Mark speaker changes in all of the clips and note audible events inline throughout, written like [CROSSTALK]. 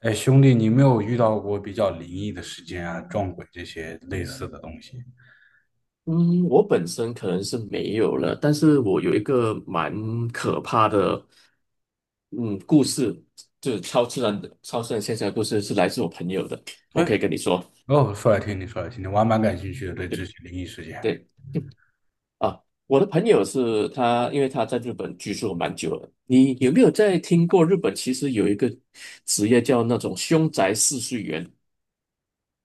Speaker 1: 哎，兄弟，你有没有遇到过比较灵异的事件啊、撞鬼这些类似的东西？
Speaker 2: 嗯，我本身可能是没有了，但是我有一个蛮可怕的，嗯，故事，就是超自然的、超自然现象的故事，是来自我朋友的，
Speaker 1: 哎，
Speaker 2: 我可以跟你说。
Speaker 1: 哦，说来听听，说来听听，我还蛮感兴趣的，对这些
Speaker 2: 对
Speaker 1: 灵异事件。
Speaker 2: 对啊，我的朋友是他，因为他在日本居住蛮久了。你有没有在听过日本其实有一个职业叫那种凶宅试睡员？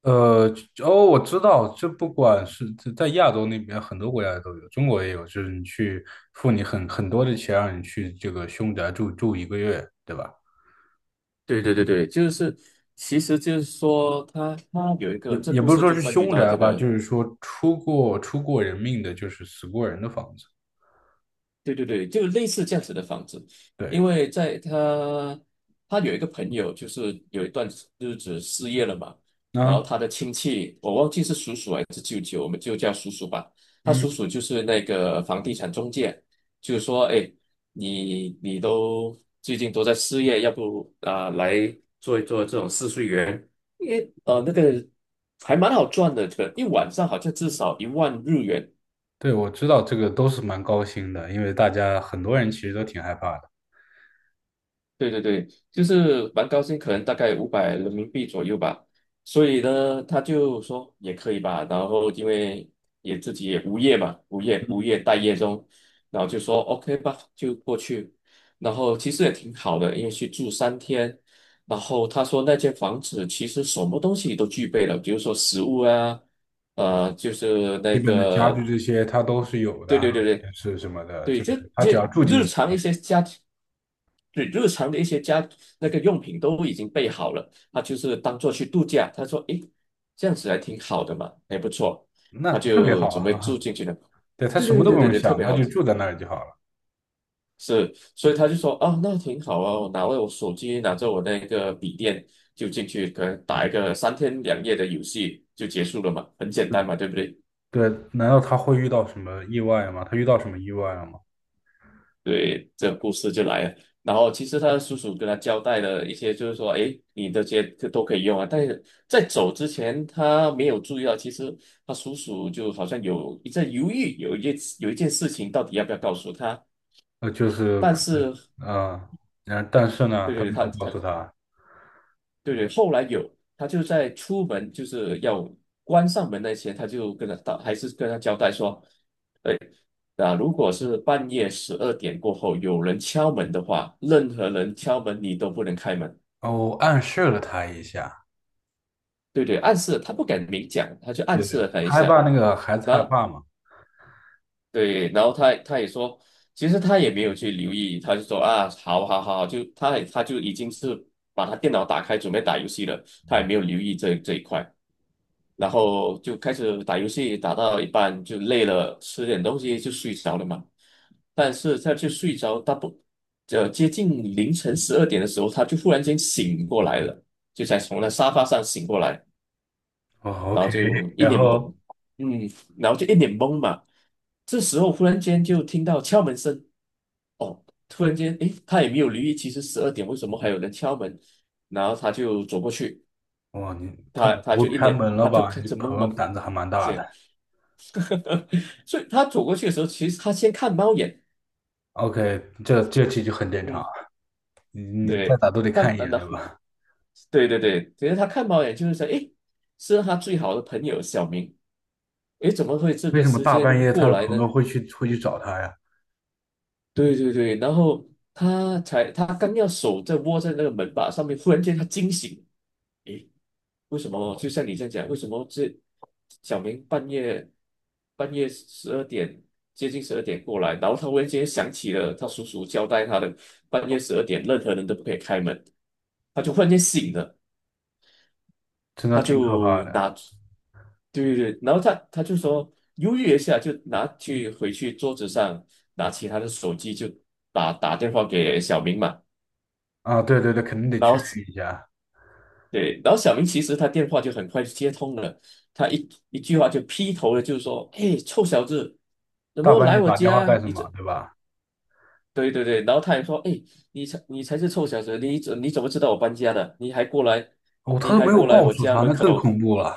Speaker 1: 呃，哦，我知道，这不管是在亚洲那边，很多国家都有，中国也有，就是你去付你很多的钱，让你去这个凶宅住一个月，对吧？
Speaker 2: 对对对对，就是，其实就是说他有一
Speaker 1: 也
Speaker 2: 个，这
Speaker 1: 也
Speaker 2: 故
Speaker 1: 不是
Speaker 2: 事
Speaker 1: 说
Speaker 2: 就
Speaker 1: 是
Speaker 2: 关于
Speaker 1: 凶
Speaker 2: 到
Speaker 1: 宅
Speaker 2: 这
Speaker 1: 吧，
Speaker 2: 个
Speaker 1: 就是说出过人命的，就是死过人的房子。
Speaker 2: 对对对，就类似这样子的房子，
Speaker 1: 对。
Speaker 2: 因为在他有一个朋友，就是有一段日子失业了嘛，然后
Speaker 1: 啊。
Speaker 2: 他的亲戚，我忘记是叔叔还是舅舅，我们就叫叔叔吧。他叔
Speaker 1: 嗯。
Speaker 2: 叔就是那个房地产中介，就是说，哎，你都最近都在失业，要不啊、来做一做这种试睡员，因为那个还蛮好赚的，这个一晚上好像至少1万日元，
Speaker 1: 对，我知道这个都是蛮高薪的，因为大家很多人其实都挺害怕的，
Speaker 2: 对对对，就是蛮高兴，可能大概500人民币左右吧。所以呢，他就说也可以吧。然后因为也自己也无业嘛，无业待业中，然后就说 OK 吧，就过去。然后其实也挺好的，因为去住三天。然后他说那间房子其实什么东西都具备了，比如说食物啊。就是
Speaker 1: 基
Speaker 2: 那
Speaker 1: 本的家具
Speaker 2: 个，
Speaker 1: 这些他都是有的
Speaker 2: 对
Speaker 1: 啊，
Speaker 2: 对对对
Speaker 1: 电视什么的，
Speaker 2: 对，
Speaker 1: 就
Speaker 2: 这
Speaker 1: 是他只要
Speaker 2: 这
Speaker 1: 住进
Speaker 2: 日
Speaker 1: 去就
Speaker 2: 常
Speaker 1: 可
Speaker 2: 一
Speaker 1: 以，
Speaker 2: 些家庭，对日常的一些家那个用品都已经备好了，他就是当做去度假。他说：“诶，这样子还挺好的嘛，还不错。”
Speaker 1: 那
Speaker 2: 他
Speaker 1: 特别
Speaker 2: 就
Speaker 1: 好
Speaker 2: 准备住
Speaker 1: 哈。
Speaker 2: 进去了。
Speaker 1: [LAUGHS] 对，他
Speaker 2: 对
Speaker 1: 什么
Speaker 2: 对
Speaker 1: 都不
Speaker 2: 对对对
Speaker 1: 用
Speaker 2: 对，特
Speaker 1: 想，
Speaker 2: 别
Speaker 1: 他
Speaker 2: 好
Speaker 1: 就
Speaker 2: 的。
Speaker 1: 住在那儿就好了。
Speaker 2: 是，所以他就说啊，那挺好啊，我拿了我手机，拿着我那个笔电就进去，可能打一个3天2夜的游戏就结束了嘛，很简单嘛，对不对？
Speaker 1: 对，难道他会遇到什么意外吗？他遇到什么意外了吗？
Speaker 2: 对，这个故事就来了。然后其实他的叔叔跟他交代了一些，就是说，哎，你的这些都可以用啊。但是在走之前，他没有注意到，其实他叔叔就好像有一阵犹豫，有一件事情到底要不要告诉他。
Speaker 1: 就是
Speaker 2: 但
Speaker 1: 可
Speaker 2: 是，
Speaker 1: 能，但是呢，
Speaker 2: 对
Speaker 1: 他没
Speaker 2: 对，他
Speaker 1: 有告
Speaker 2: 他
Speaker 1: 诉他。
Speaker 2: 对对，后来有他就在出门就是要关上门那前，他就跟他到还是跟他交代说。那如果是半夜十二点过后有人敲门的话，任何人敲门你都不能开门。
Speaker 1: 哦，暗示了他一下，
Speaker 2: 对对，暗示了他不敢明讲，他就暗示了他一
Speaker 1: 害
Speaker 2: 下。
Speaker 1: 怕那个孩子
Speaker 2: 然
Speaker 1: 害
Speaker 2: 后
Speaker 1: 怕嘛。
Speaker 2: 对，然后他也说，其实他也没有去留意，他就说啊，好好好，就他也他就已经是把他电脑打开准备打游戏了，他也没有留意这一块。然后就开始打游戏，打到一半就累了，吃点东西就睡着了嘛。但是。接近凌晨十二点的时候，他就忽然间醒过来了，就才从那沙发上醒过来，
Speaker 1: 哦
Speaker 2: 然后
Speaker 1: ，OK，
Speaker 2: 就一
Speaker 1: 然
Speaker 2: 脸懵，
Speaker 1: 后
Speaker 2: 嗯，然后就一脸懵嘛。这时候忽然间就听到敲门声，哦，突然间，诶，他也没有留意，其实十二点为什么还有人敲门？然后他就走过去，
Speaker 1: 哇，你，他
Speaker 2: 他
Speaker 1: 不
Speaker 2: 他就
Speaker 1: 会
Speaker 2: 一
Speaker 1: 开
Speaker 2: 脸，
Speaker 1: 门了
Speaker 2: 他就
Speaker 1: 吧？
Speaker 2: 开
Speaker 1: 你
Speaker 2: 始懵
Speaker 1: 朋友
Speaker 2: 嘛，
Speaker 1: 胆子还蛮大
Speaker 2: 这样，
Speaker 1: 的。
Speaker 2: [LAUGHS] 所以他走过去的时候，其实他先看猫眼，
Speaker 1: OK，这其就很正常，
Speaker 2: 嗯，
Speaker 1: 你再
Speaker 2: 对，
Speaker 1: 咋都得看一眼，
Speaker 2: 然
Speaker 1: 对
Speaker 2: 后
Speaker 1: 吧？
Speaker 2: 对对对，只是他看猫眼就是想，诶，是他最好的朋友小明，诶，怎么会这
Speaker 1: [LAUGHS] 为
Speaker 2: 个
Speaker 1: 什么
Speaker 2: 时
Speaker 1: 大半
Speaker 2: 间
Speaker 1: 夜他
Speaker 2: 过
Speaker 1: 的
Speaker 2: 来
Speaker 1: 朋
Speaker 2: 呢？
Speaker 1: 友会去找他呀？
Speaker 2: 对对对，然后他刚要手在握在那个门把上面，忽然间他惊醒，为什么？就像你这样讲，为什么这小明半夜十二点接近十二点过来，然后他忽然间想起了他叔叔交代他的半夜十二点任何人都不可以开门，他就忽然间醒了。
Speaker 1: 真的
Speaker 2: 他
Speaker 1: 挺可怕
Speaker 2: 就
Speaker 1: 的
Speaker 2: 拿，对对对，然后他就说犹豫一下，就拿去回去桌子上拿起他的手机就打电话给小明嘛，
Speaker 1: 啊！对对对，肯定得
Speaker 2: 然
Speaker 1: 确
Speaker 2: 后
Speaker 1: 认一下，
Speaker 2: 对，然后小明其实他电话就很快就接通了，他一句话就劈头了，就说，哎，臭小子，怎
Speaker 1: 大
Speaker 2: 么
Speaker 1: 半
Speaker 2: 来
Speaker 1: 夜
Speaker 2: 我
Speaker 1: 打电话干
Speaker 2: 家？
Speaker 1: 什
Speaker 2: 你
Speaker 1: 么，
Speaker 2: 怎？
Speaker 1: 对吧？
Speaker 2: 对对对，然后他也说，哎，你才是臭小子，你怎么知道我搬家的？你还过来？
Speaker 1: 哦，他都没有告诉他，那更恐怖了。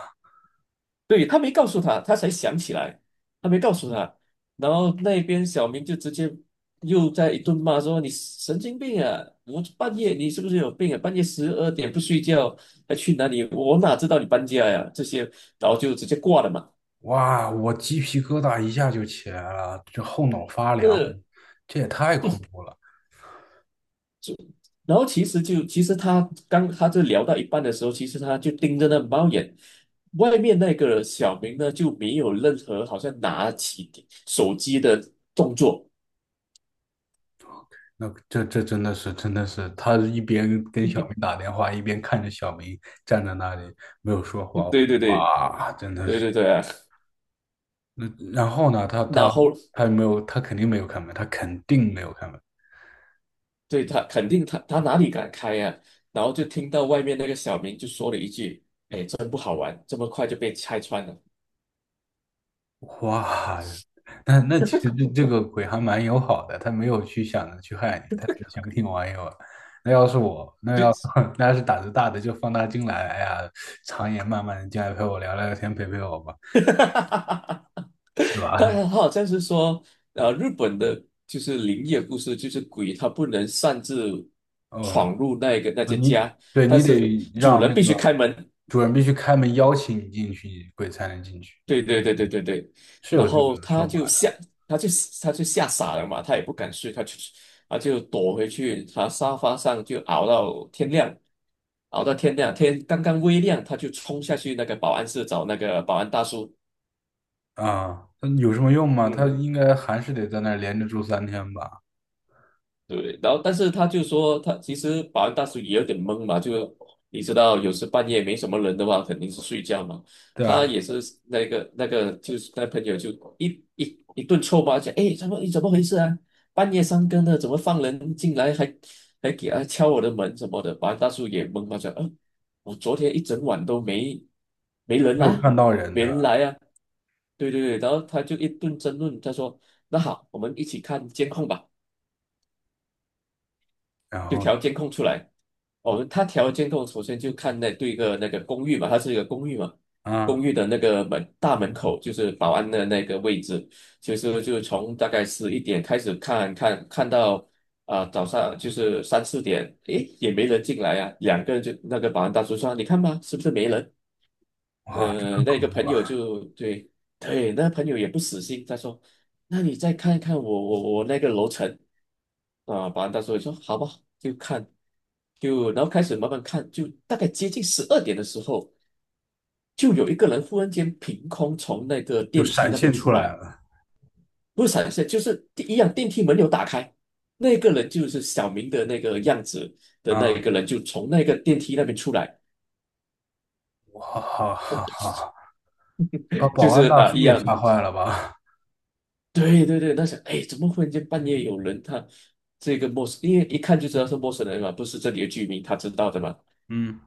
Speaker 2: 对，他没告诉他，他才想起来，他没告诉他。然后那边小明就直接又在一顿骂说：“你神经病啊！我半夜你是不是有病啊？半夜十二点不睡觉，还去哪里？我哪知道你搬家呀？这些，然后就直接挂了嘛。”
Speaker 1: 哇，我鸡皮疙瘩一下就起来了，这后脑发凉，
Speaker 2: 呃，
Speaker 1: 这也太恐怖了。
Speaker 2: 然后其实就其实他刚他就聊到一半的时候，其实他就盯着那猫眼。外面那个小明呢，就没有任何好像拿起手机的动作。
Speaker 1: 那这真的是真的是，他一边跟小明打电话，一边看着小明站在那里没有说话，
Speaker 2: [LAUGHS] 对对对对
Speaker 1: 哇，真的是。
Speaker 2: 对对对，
Speaker 1: 那然后呢，他
Speaker 2: 然
Speaker 1: 他
Speaker 2: 后
Speaker 1: 他没有，他肯定没有开门，他肯定没有开门。
Speaker 2: 对他肯定他哪里敢开呀、然后就听到外面那个小明就说了一句：“真不好玩，这么快就被拆穿了。
Speaker 1: 哇，那其实这
Speaker 2: [LAUGHS]”
Speaker 1: 这个鬼还蛮友好的，他没有去想着去害你，他只想跟你玩一玩。那要是我，
Speaker 2: 就
Speaker 1: [LAUGHS] 那要是胆子大的就放他进来，哎呀，长夜漫漫的进来陪我聊聊天，陪陪我吧，对
Speaker 2: 他
Speaker 1: 吧？
Speaker 2: 他好像是说，日本的就是灵异的故事，就是鬼他不能擅自
Speaker 1: [LAUGHS] 哦，
Speaker 2: 闯入那个那
Speaker 1: 啊，
Speaker 2: 些
Speaker 1: 你，
Speaker 2: 家，
Speaker 1: 对，
Speaker 2: 但
Speaker 1: 你
Speaker 2: 是
Speaker 1: 得
Speaker 2: 主
Speaker 1: 让
Speaker 2: 人
Speaker 1: 那
Speaker 2: 必
Speaker 1: 个
Speaker 2: 须开门。
Speaker 1: 主人必须开门邀请你进去，鬼才能进去，
Speaker 2: 对对对对对对，
Speaker 1: 是
Speaker 2: 然
Speaker 1: 有这个
Speaker 2: 后
Speaker 1: 说
Speaker 2: 他
Speaker 1: 法
Speaker 2: 就吓，他就他就吓傻了嘛，他也不敢睡，他就躲回去，他沙发上就熬到天亮，熬到天亮，天刚刚微亮，他就冲下去那个保安室找那个保安大叔，
Speaker 1: 的啊。那有什么用吗？他
Speaker 2: 嗯。
Speaker 1: 应该还是得在那儿连着住三天吧，
Speaker 2: 对，然后但是他就说，他其实保安大叔也有点懵嘛，就你知道，有时半夜没什么人的话，肯定是睡觉嘛。
Speaker 1: 对
Speaker 2: 他
Speaker 1: 吧？
Speaker 2: 也是那个那个，就是那朋友就一顿臭骂，讲，哎，怎么你怎么回事啊？半夜三更的，怎么放人进来还给他敲我的门什么的？保安大叔也懵嘛，讲，我昨天一整晚都没人
Speaker 1: 没有
Speaker 2: 啊，
Speaker 1: 看到人，
Speaker 2: 没
Speaker 1: 对
Speaker 2: 人
Speaker 1: 吧？
Speaker 2: 来啊。对对对，然后他就一顿争论，他说，那好，我们一起看监控吧。
Speaker 1: 然
Speaker 2: 就
Speaker 1: 后呢？
Speaker 2: 调监控出来。哦，他调监控，首先就看那对一个那个公寓嘛，它是一个公寓嘛，公
Speaker 1: 啊，
Speaker 2: 寓的那个门大门口就是保安的那个位置，其实就从大概11点开始看看看到啊、早上就是三四点，诶，也没人进来啊，两个人就那个保安大叔说，你看吧，是不是没人？
Speaker 1: 哇，这更
Speaker 2: 那
Speaker 1: 恐
Speaker 2: 个
Speaker 1: 怖
Speaker 2: 朋
Speaker 1: 了，
Speaker 2: 友就对对，那朋友也不死心，他说：“那你再看一看我那个楼层啊。”保安大叔也说：“好吧，就看，就然后开始慢慢看，就大概接近十二点的时候，就有一个人忽然间凭空从那个
Speaker 1: 就
Speaker 2: 电梯
Speaker 1: 闪
Speaker 2: 那边
Speaker 1: 现出
Speaker 2: 出
Speaker 1: 来
Speaker 2: 来，
Speaker 1: 了
Speaker 2: 不是闪现，就是第一样电梯门有打开，那个人就是小明的那个样子的那一
Speaker 1: 啊！
Speaker 2: 个人，就从那个电梯那边出来，
Speaker 1: 哇哈哈哈，把
Speaker 2: 就
Speaker 1: 保
Speaker 2: 是
Speaker 1: 安大
Speaker 2: 啊、一
Speaker 1: 叔也
Speaker 2: 样。”
Speaker 1: 吓坏了吧？
Speaker 2: 对对对，那想，哎，怎么忽然间半夜有人他这个陌生，因为一看就知道是陌生人嘛，不是这里的居民，他知道的嘛。
Speaker 1: [LAUGHS] 嗯，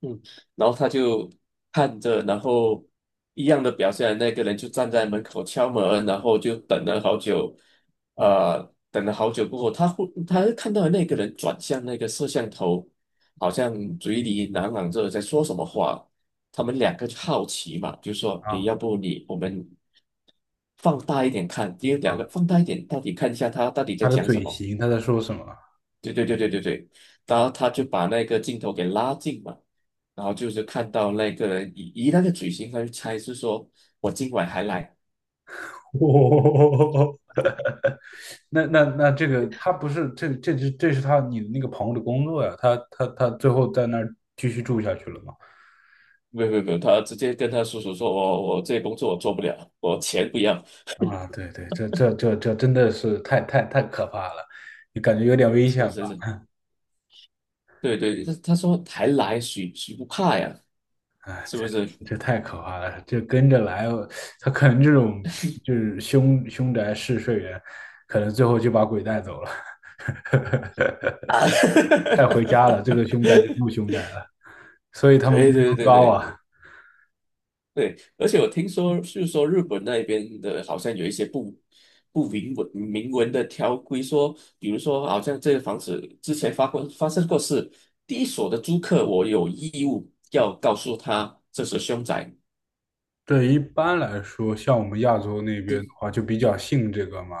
Speaker 2: 嗯，然后他就看着，然后一样的表现，那个人就站在门口敲门，然后就等了好久，呃，等了好久过后，他看到那个人转向那个摄像头，好像嘴里喃喃着在说什么话，他们两个就好奇嘛，就说，诶，
Speaker 1: 啊
Speaker 2: 要不我们放大一点看，因为
Speaker 1: 啊，
Speaker 2: 两个放大一点，到底看一下他到底在
Speaker 1: 他的
Speaker 2: 讲什
Speaker 1: 嘴
Speaker 2: 么。
Speaker 1: 型，他在说什么？
Speaker 2: 对对对对对对，然后他就把那个镜头给拉近嘛，然后就是看到那个人以那个嘴型，他就猜是说我今晚还来，
Speaker 1: [LAUGHS] 哦，那这个他不是，这是你的那个朋友的工作呀，他最后在那儿继续住下去了吗？
Speaker 2: 没有没有没有，他直接跟他叔叔说，我这工作我做不了，我钱不要，
Speaker 1: 啊，对对，这真的是太太太可怕了，你感觉有点危险
Speaker 2: 是是是，
Speaker 1: 吧？
Speaker 2: 对对，他说还来，谁不怕呀？
Speaker 1: 哎，
Speaker 2: 是不是？
Speaker 1: 对，这太可怕了，这跟着来，他可能这种就是凶宅试睡员，可能最后就把鬼带走了，
Speaker 2: 啊，
Speaker 1: 带回家了，这个
Speaker 2: [LAUGHS]
Speaker 1: 凶宅就不凶宅了，所以他们
Speaker 2: 对
Speaker 1: 工
Speaker 2: 对
Speaker 1: 资
Speaker 2: 对
Speaker 1: 高
Speaker 2: 对
Speaker 1: 啊。
Speaker 2: 对，而且我听说，就是说日本那边的，好像有一些不明文的条规说，比如说，好像这个房子之前发生过事，第一所的租客，我有义务要告诉他这是凶宅。
Speaker 1: 对，一般来说，像我们亚洲那边的
Speaker 2: 对，
Speaker 1: 话，就比较信这个嘛。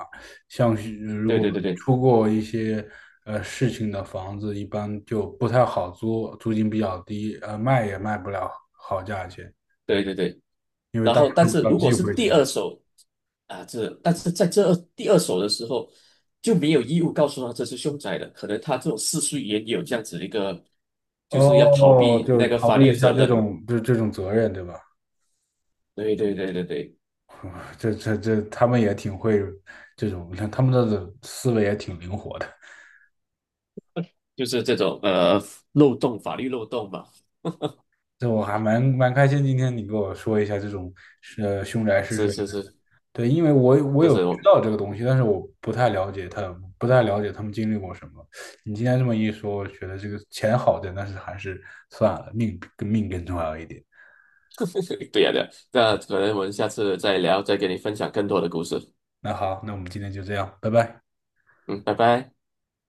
Speaker 1: 像是如
Speaker 2: 对
Speaker 1: 果
Speaker 2: 对对对
Speaker 1: 出过一些事情的房子，一般就不太好租，租金比较低，卖也卖不了好价钱，
Speaker 2: 对对对。
Speaker 1: 因为
Speaker 2: 然
Speaker 1: 大家
Speaker 2: 后，但
Speaker 1: 都比
Speaker 2: 是
Speaker 1: 较
Speaker 2: 如果
Speaker 1: 忌
Speaker 2: 是
Speaker 1: 讳这
Speaker 2: 第
Speaker 1: 个。
Speaker 2: 二手啊，这但是在这二第二手的时候就没有义务告诉他这是凶宅的，可能他这种世俗也有这样子一个，就是要逃
Speaker 1: 哦，
Speaker 2: 避
Speaker 1: 就
Speaker 2: 那个
Speaker 1: 逃
Speaker 2: 法
Speaker 1: 避
Speaker 2: 律
Speaker 1: 一
Speaker 2: 的
Speaker 1: 下
Speaker 2: 责
Speaker 1: 这
Speaker 2: 任。
Speaker 1: 种这种责任，对吧？
Speaker 2: 对对对对对，
Speaker 1: [LAUGHS] 这，他们也挺会这种，他们的思维也挺灵活的。
Speaker 2: 就是这种漏洞，法律漏洞嘛。
Speaker 1: 这我还蛮开心，今天你给我说一下这种凶宅试
Speaker 2: 是
Speaker 1: 睡
Speaker 2: 是
Speaker 1: 的，
Speaker 2: 是，
Speaker 1: 对，因为我
Speaker 2: 这
Speaker 1: 有知
Speaker 2: 是我
Speaker 1: 道这个东西，但是我不太了解他，不太了解他们经历过什么。你今天这么一说，我觉得这个钱好挣，但是还是算了，命更重要一点。
Speaker 2: [LAUGHS] 对呀、对呀、那可能我们下次再聊，再给你分享更多的故事。
Speaker 1: 那好，那我们今天就这样，拜拜。
Speaker 2: 嗯，拜拜。